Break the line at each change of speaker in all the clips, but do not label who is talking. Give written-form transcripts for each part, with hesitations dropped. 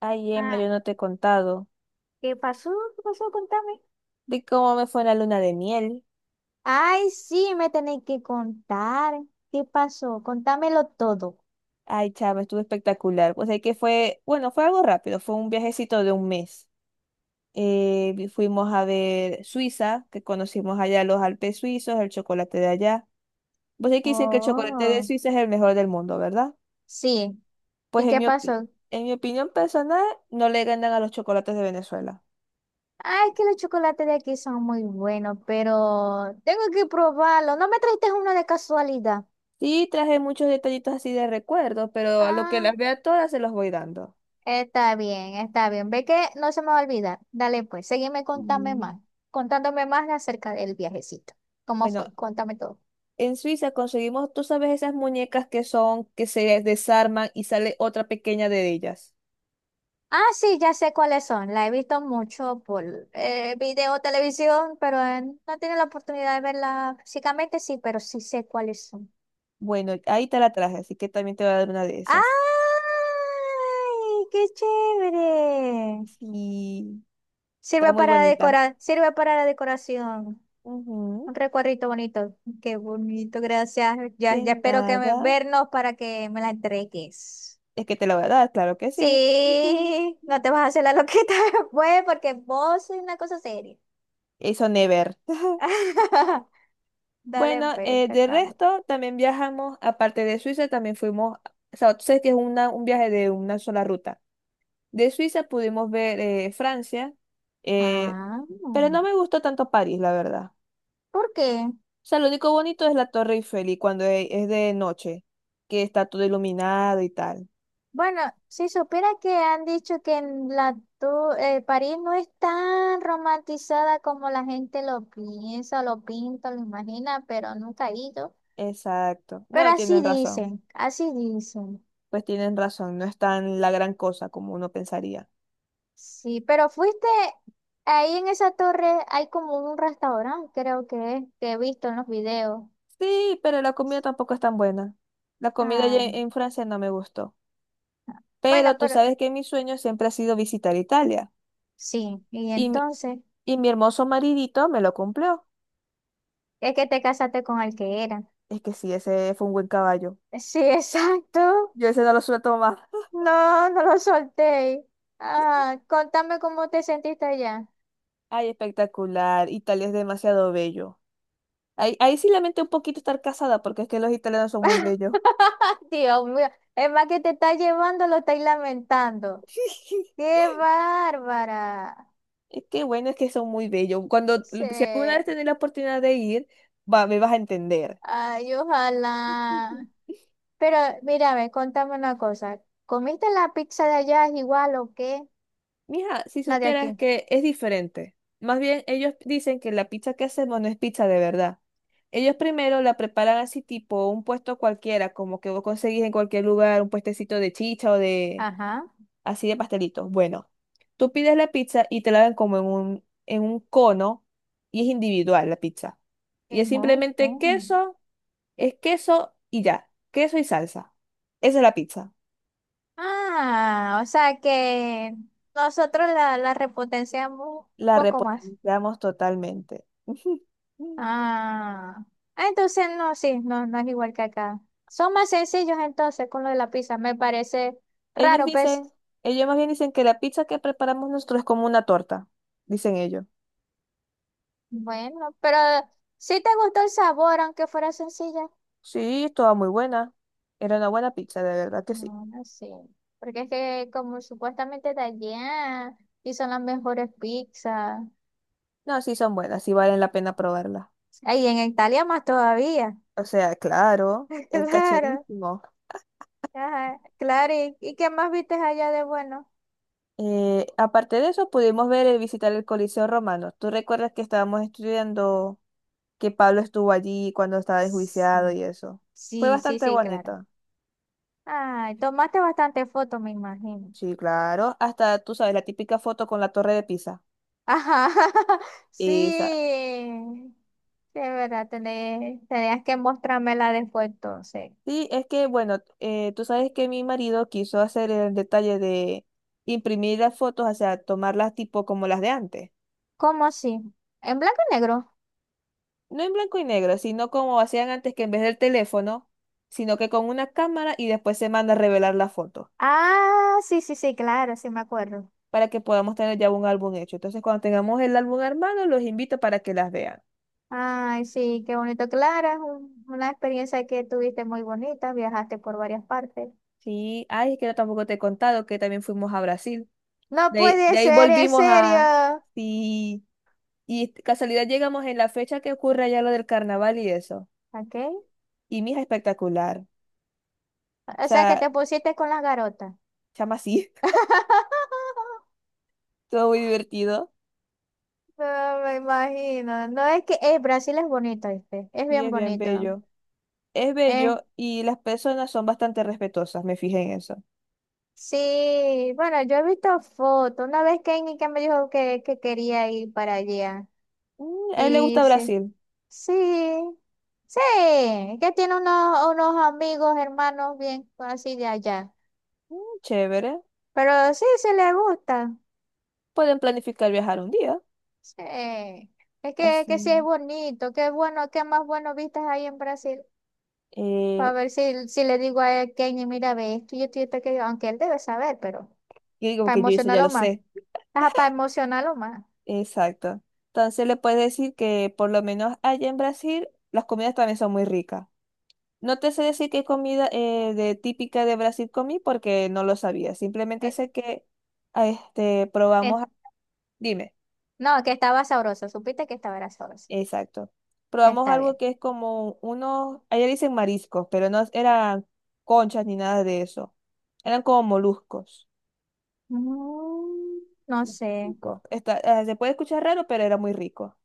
Ay, Emma,
Ah,
yo no te he contado
¿qué pasó? ¿Qué pasó? Contame.
de cómo me fue en la luna de miel.
Ay, sí, me tenéis que contar. ¿Qué pasó? Contámelo todo.
Ay, chama, estuvo espectacular. Pues es que fue, bueno, fue algo rápido, fue un viajecito de un mes. Fuimos a ver Suiza, que conocimos allá los Alpes suizos, el chocolate de allá. Pues es que dicen que el chocolate de
Oh.
Suiza es el mejor del mundo, ¿verdad?
Sí.
Pues
¿Y qué pasó?
en mi opinión personal, no le ganan a los chocolates de Venezuela.
Ay, que los chocolates de aquí son muy buenos, pero tengo que probarlo. ¿No me trajiste uno de casualidad?
Sí, traje muchos detallitos así de recuerdo, pero a lo que
Ah,
las vea todas se los voy dando.
está bien, está bien. Ve que no se me va a olvidar. Dale, pues, seguime contame
Mm.
más, contándome más acerca del viajecito. ¿Cómo
Bueno,
fue? Cuéntame todo.
en Suiza conseguimos, tú sabes, esas muñecas que son, que se desarman y sale otra pequeña de ellas.
Ah, sí, ya sé cuáles son. La he visto mucho por video, televisión, pero no tiene la oportunidad de verla físicamente, sí, pero sí sé cuáles son.
Bueno, ahí te la traje, así que también te voy a dar una de esas.
¡Ay, qué chévere!
Sí, está
Sirve
muy
para
bonita.
decorar, sirve para la decoración.
Ujú.
Un recuadrito bonito. Qué bonito, gracias. Ya,
De
ya espero que me,
nada.
vernos para que me la entregues.
Es que te la voy a dar, claro que sí. Ujú.
Sí, no te vas a hacer la loquita después porque vos sois una cosa seria.
Eso never.
Dale,
Bueno,
pues, está
de
claro.
resto, también viajamos, aparte de Suiza, también fuimos, o sea, tú sabes que es un viaje de una sola ruta. De Suiza pudimos ver Francia, eh,
Ah,
pero no me gustó tanto París, la verdad.
¿por qué?
O sea, lo único bonito es la Torre Eiffel y es de noche, que está todo iluminado y tal.
Bueno, si supiera que han dicho que en la París no es tan romantizada como la gente lo piensa, lo pinta, lo imagina, pero nunca he ido.
Exacto.
Pero
No, tienen
así
razón.
dicen, así dicen.
Pues tienen razón, no es tan la gran cosa como uno pensaría.
Sí, pero fuiste ahí en esa torre, hay como un restaurante, creo que es, que he visto en los videos.
Sí, pero la comida tampoco es tan buena. La comida allá
Ah,
en Francia no me gustó. Pero
bueno,
tú
pero
sabes que mi sueño siempre ha sido visitar Italia.
sí, y
Y mi,
entonces,
y mi hermoso maridito me lo cumplió.
es que te casaste con el que era.
Es que sí, ese fue un buen caballo.
Sí, exacto.
Yo ese no lo suelto más.
No, no lo solté. Ah, contame cómo te sentiste allá.
Ay, espectacular. Italia es demasiado bello. Ahí sí lamento un poquito estar casada porque es que los italianos son muy bellos.
Dios mío, es más que te está llevando, lo estáis lamentando. ¡Qué bárbara!
Es que bueno, es que son muy bellos.
Sí.
Si alguna vez tenés la oportunidad de ir, va, me vas a entender.
Ay,
Ujú.
ojalá. Pero mira, a ver, contame una cosa. ¿Comiste la pizza de allá igual o qué?
Mija, si
La de
supieras
aquí.
que es diferente. Más bien, ellos dicen que la pizza que hacemos no es pizza de verdad. Ellos primero la preparan así tipo un puesto cualquiera, como que vos conseguís en cualquier lugar, un puestecito de chicha o de
Ajá.
así de pastelitos. Bueno, tú pides la pizza y te la dan como en un cono y es individual la pizza. Y es
En Hong
simplemente
Kong.
queso, es queso y ya, queso y salsa. Esa es la pizza.
Ah, o sea que nosotros la repotenciamos un
La
poco más.
repotenciamos totalmente.
Ah, ah, entonces no, sí, no, no es igual que acá. Son más sencillos entonces con lo de la pizza, me parece
Ellos
raro, pues.
dicen, ellos más bien dicen que la pizza que preparamos nosotros es como una torta, dicen ellos.
Bueno, pero si te gustó el sabor, aunque fuera sencilla.
Sí, estaba muy buena. Era una buena pizza, de verdad que sí.
No, no sé. Porque es que como supuestamente de allá y son las mejores pizzas.
No, sí son buenas, sí valen la pena probarla.
Ahí en Italia más todavía.
O sea, claro, el
Claro.
cacherísimo.
Ajá, claro, ¿y, qué más viste allá de bueno?
Aparte de eso, pudimos ver y visitar el Coliseo Romano. ¿Tú recuerdas que estábamos estudiando que Pablo estuvo allí cuando estaba enjuiciado y
Sí.
eso? Fue
Sí, sí,
bastante
sí, claro.
bonito.
Ay, tomaste bastante fotos, me imagino.
Sí, claro. Hasta, tú sabes, la típica foto con la Torre de Pisa.
Ajá, sí,
Esa.
sí, es verdad, tenías que mostrármela después entonces.
Sí, es que, bueno, tú sabes que mi marido quiso hacer el detalle de imprimir las fotos, o sea, tomarlas tipo como las de antes.
¿Cómo así? ¿En blanco y negro?
No en blanco y negro, sino como hacían antes que en vez del teléfono, sino que con una cámara y después se manda a revelar la foto
Ah, sí, sí, sí, claro, sí me acuerdo.
para que podamos tener ya un álbum hecho. Entonces, cuando tengamos el álbum armado, los invito para que las vean.
Ay, sí, qué bonito, Clara, es una experiencia que tuviste muy bonita, viajaste por varias partes.
Sí, ay, es que yo tampoco te he contado que también fuimos a Brasil.
No
De
puede
ahí
ser, en
volvimos a...
serio.
Sí, y casualidad llegamos en la fecha que ocurre allá lo del carnaval y eso.
¿Ok?
Y mija, espectacular. O
O sea, que
sea,
te pusiste con las garotas.
chama así, todo muy divertido
No me imagino. No es que Brasil es bonito, ¿viste? Es
y
bien
es bien
bonito.
bello. Es
Eh,
bello y las personas son bastante respetuosas, me fijé en eso.
sí, bueno, yo he visto fotos. Una vez que me dijo que quería ir para allá.
Mm, a él le
Y
gusta
sí,
Brasil.
sí, sí, que tiene unos, unos amigos, hermanos bien así de allá.
Mm, chévere.
Pero sí, sí le gusta.
Pueden planificar viajar un día.
Sí, es que sí es
Así.
bonito. Qué bueno, qué más bueno vistas hay en Brasil. Para
Eh,
ver si, si le digo a él, Kenny, mira, ve esto y esto y esto, aquello", aunque él debe saber, pero
y digo
para
que yo eso ya
emocionarlo
lo
más.
sé.
Ajá, para emocionarlo más.
Exacto. Entonces le puedes decir que por lo menos allá en Brasil las comidas también son muy ricas. No te sé decir qué comida de típica de Brasil comí porque no lo sabía. Simplemente
Eh,
sé que
eh,
probamos. Dime.
No, que estaba sabroso, supiste que estaba era sabroso.
Exacto. Probamos
Está
algo
bien.
que es como unos, allá dicen mariscos, pero no eran conchas ni nada de eso. Eran como moluscos.
Mm, no sé.
Rico. Se puede escuchar raro, pero era muy rico.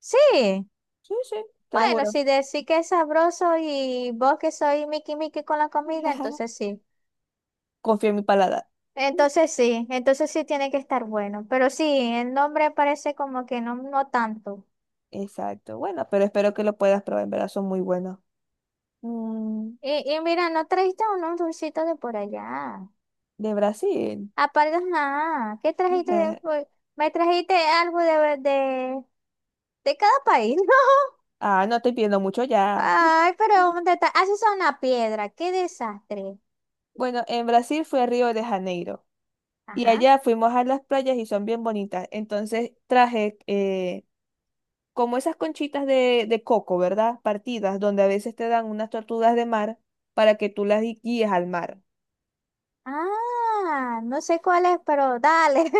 Sí,
Sí, sí, te lo
bueno,
juro.
si decís que es sabroso y vos que soy Mickey Mickey con la comida, entonces sí.
Confío en mi paladar.
Entonces sí, entonces sí tiene que estar bueno. Pero sí, el nombre parece como que no, no tanto.
Exacto. Bueno, pero espero que lo puedas probar. En verdad son muy buenos. Mm,
Y mira, ¿no trajiste unos dulcitos de por allá?
de Brasil.
Aparte, nada. ¿Qué trajiste después? Me trajiste algo de cada país, ¿no?
Ah, no estoy pidiendo mucho ya.
Ay, pero un detalle. Haces una piedra. Qué desastre.
Bueno, en Brasil fue Río de Janeiro. Y
Ajá.
allá fuimos a las playas y son bien bonitas. Entonces traje como esas conchitas de coco, ¿verdad? Partidas, donde a veces te dan unas tortugas de mar para que tú guíes al mar.
Ah, no sé cuál es, pero dale.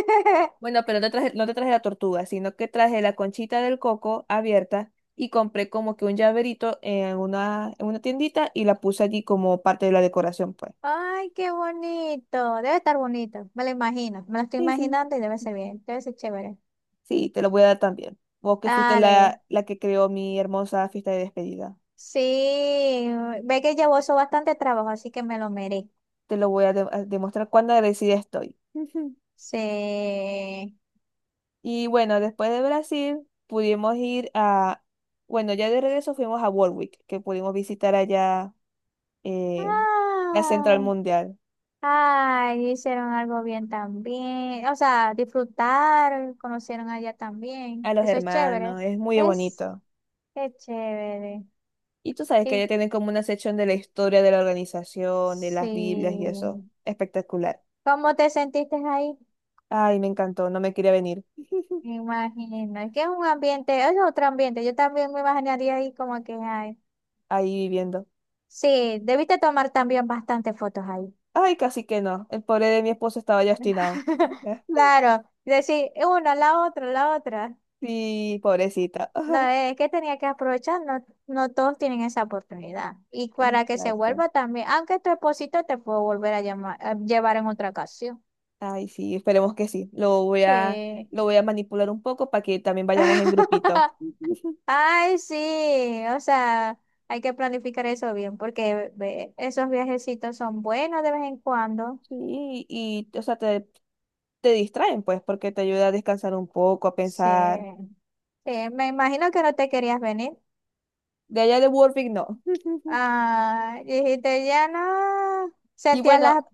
Bueno, pero no traje, no te traje la tortuga, sino que traje la conchita del coco abierta y compré como que un llaverito en una tiendita y la puse allí como parte de la decoración, pues.
Ay, qué bonito. Debe estar bonito. Me lo imagino. Me lo estoy
Sí, sí.
imaginando y debe ser bien. Debe ser chévere.
Sí, te lo voy a dar también. Vos que fuiste
Dale.
la que creó mi hermosa fiesta de despedida.
Sí. Ve que llevó eso bastante trabajo, así que me lo merezco.
Te lo voy a demostrar cuán agradecida estoy.
Sí.
Y bueno, después de Brasil pudimos bueno, ya de regreso fuimos a Warwick, que pudimos visitar allá eh, la Central
Ah.
Mundial,
Ay, hicieron algo bien también. O sea, disfrutar, conocieron allá
a
también.
los
Eso es chévere.
hermanos, es muy
Es,
bonito.
es chévere.
Y tú sabes que
Y,
allá tienen como una sección de la historia de la organización, de las Biblias y eso,
sí.
espectacular.
¿Cómo te sentiste ahí?
Ay, me encantó, no me quería venir
Me imagino. Es que es un ambiente, es otro ambiente. Yo también me imaginaría ahí como que, ay.
ahí viviendo.
Sí, debiste tomar también bastantes fotos ahí.
Ay, casi que no, el pobre de mi esposo estaba ya obstinado.
Claro. Decir una, la otra, la otra.
Sí, pobrecita.
No, es que tenía que aprovechar, no, no todos tienen esa oportunidad. Y para que se
Exacto.
vuelva también, aunque tu esposito te puedo volver a llamar, a llevar en otra ocasión.
Ay, sí, esperemos que sí.
Sí.
Lo voy a manipular un poco para que también vayamos en grupito. Ujú.
Ay, sí, o sea, hay que planificar eso bien, porque ve, esos viajecitos son buenos de vez en cuando.
Sí, te distraen, pues, porque te ayuda a descansar un poco, a pensar.
Sí. Sí, me imagino que no te querías venir.
De allá de Warwick, no.
Ah, dijiste, ya no.
Y
Sentías
bueno,
la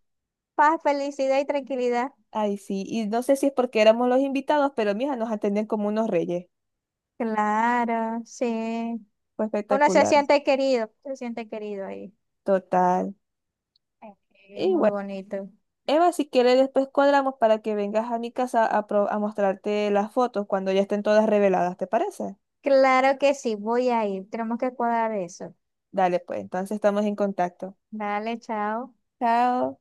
paz, felicidad y tranquilidad.
ay, sí, y no sé si es porque éramos los invitados, pero mija, nos atendían como unos reyes.
Claro, sí.
Fue
Uno
espectacular.
se siente querido ahí.
Total.
Ok. Es
Y
muy
bueno,
bonito.
Eva, si quieres, después cuadramos para que vengas a mi casa a mostrarte las fotos cuando ya estén todas reveladas, ¿te parece?
Claro que sí, voy a ir. Tenemos que cuadrar eso.
Dale, pues, entonces estamos en contacto.
Dale, chao.
Chao.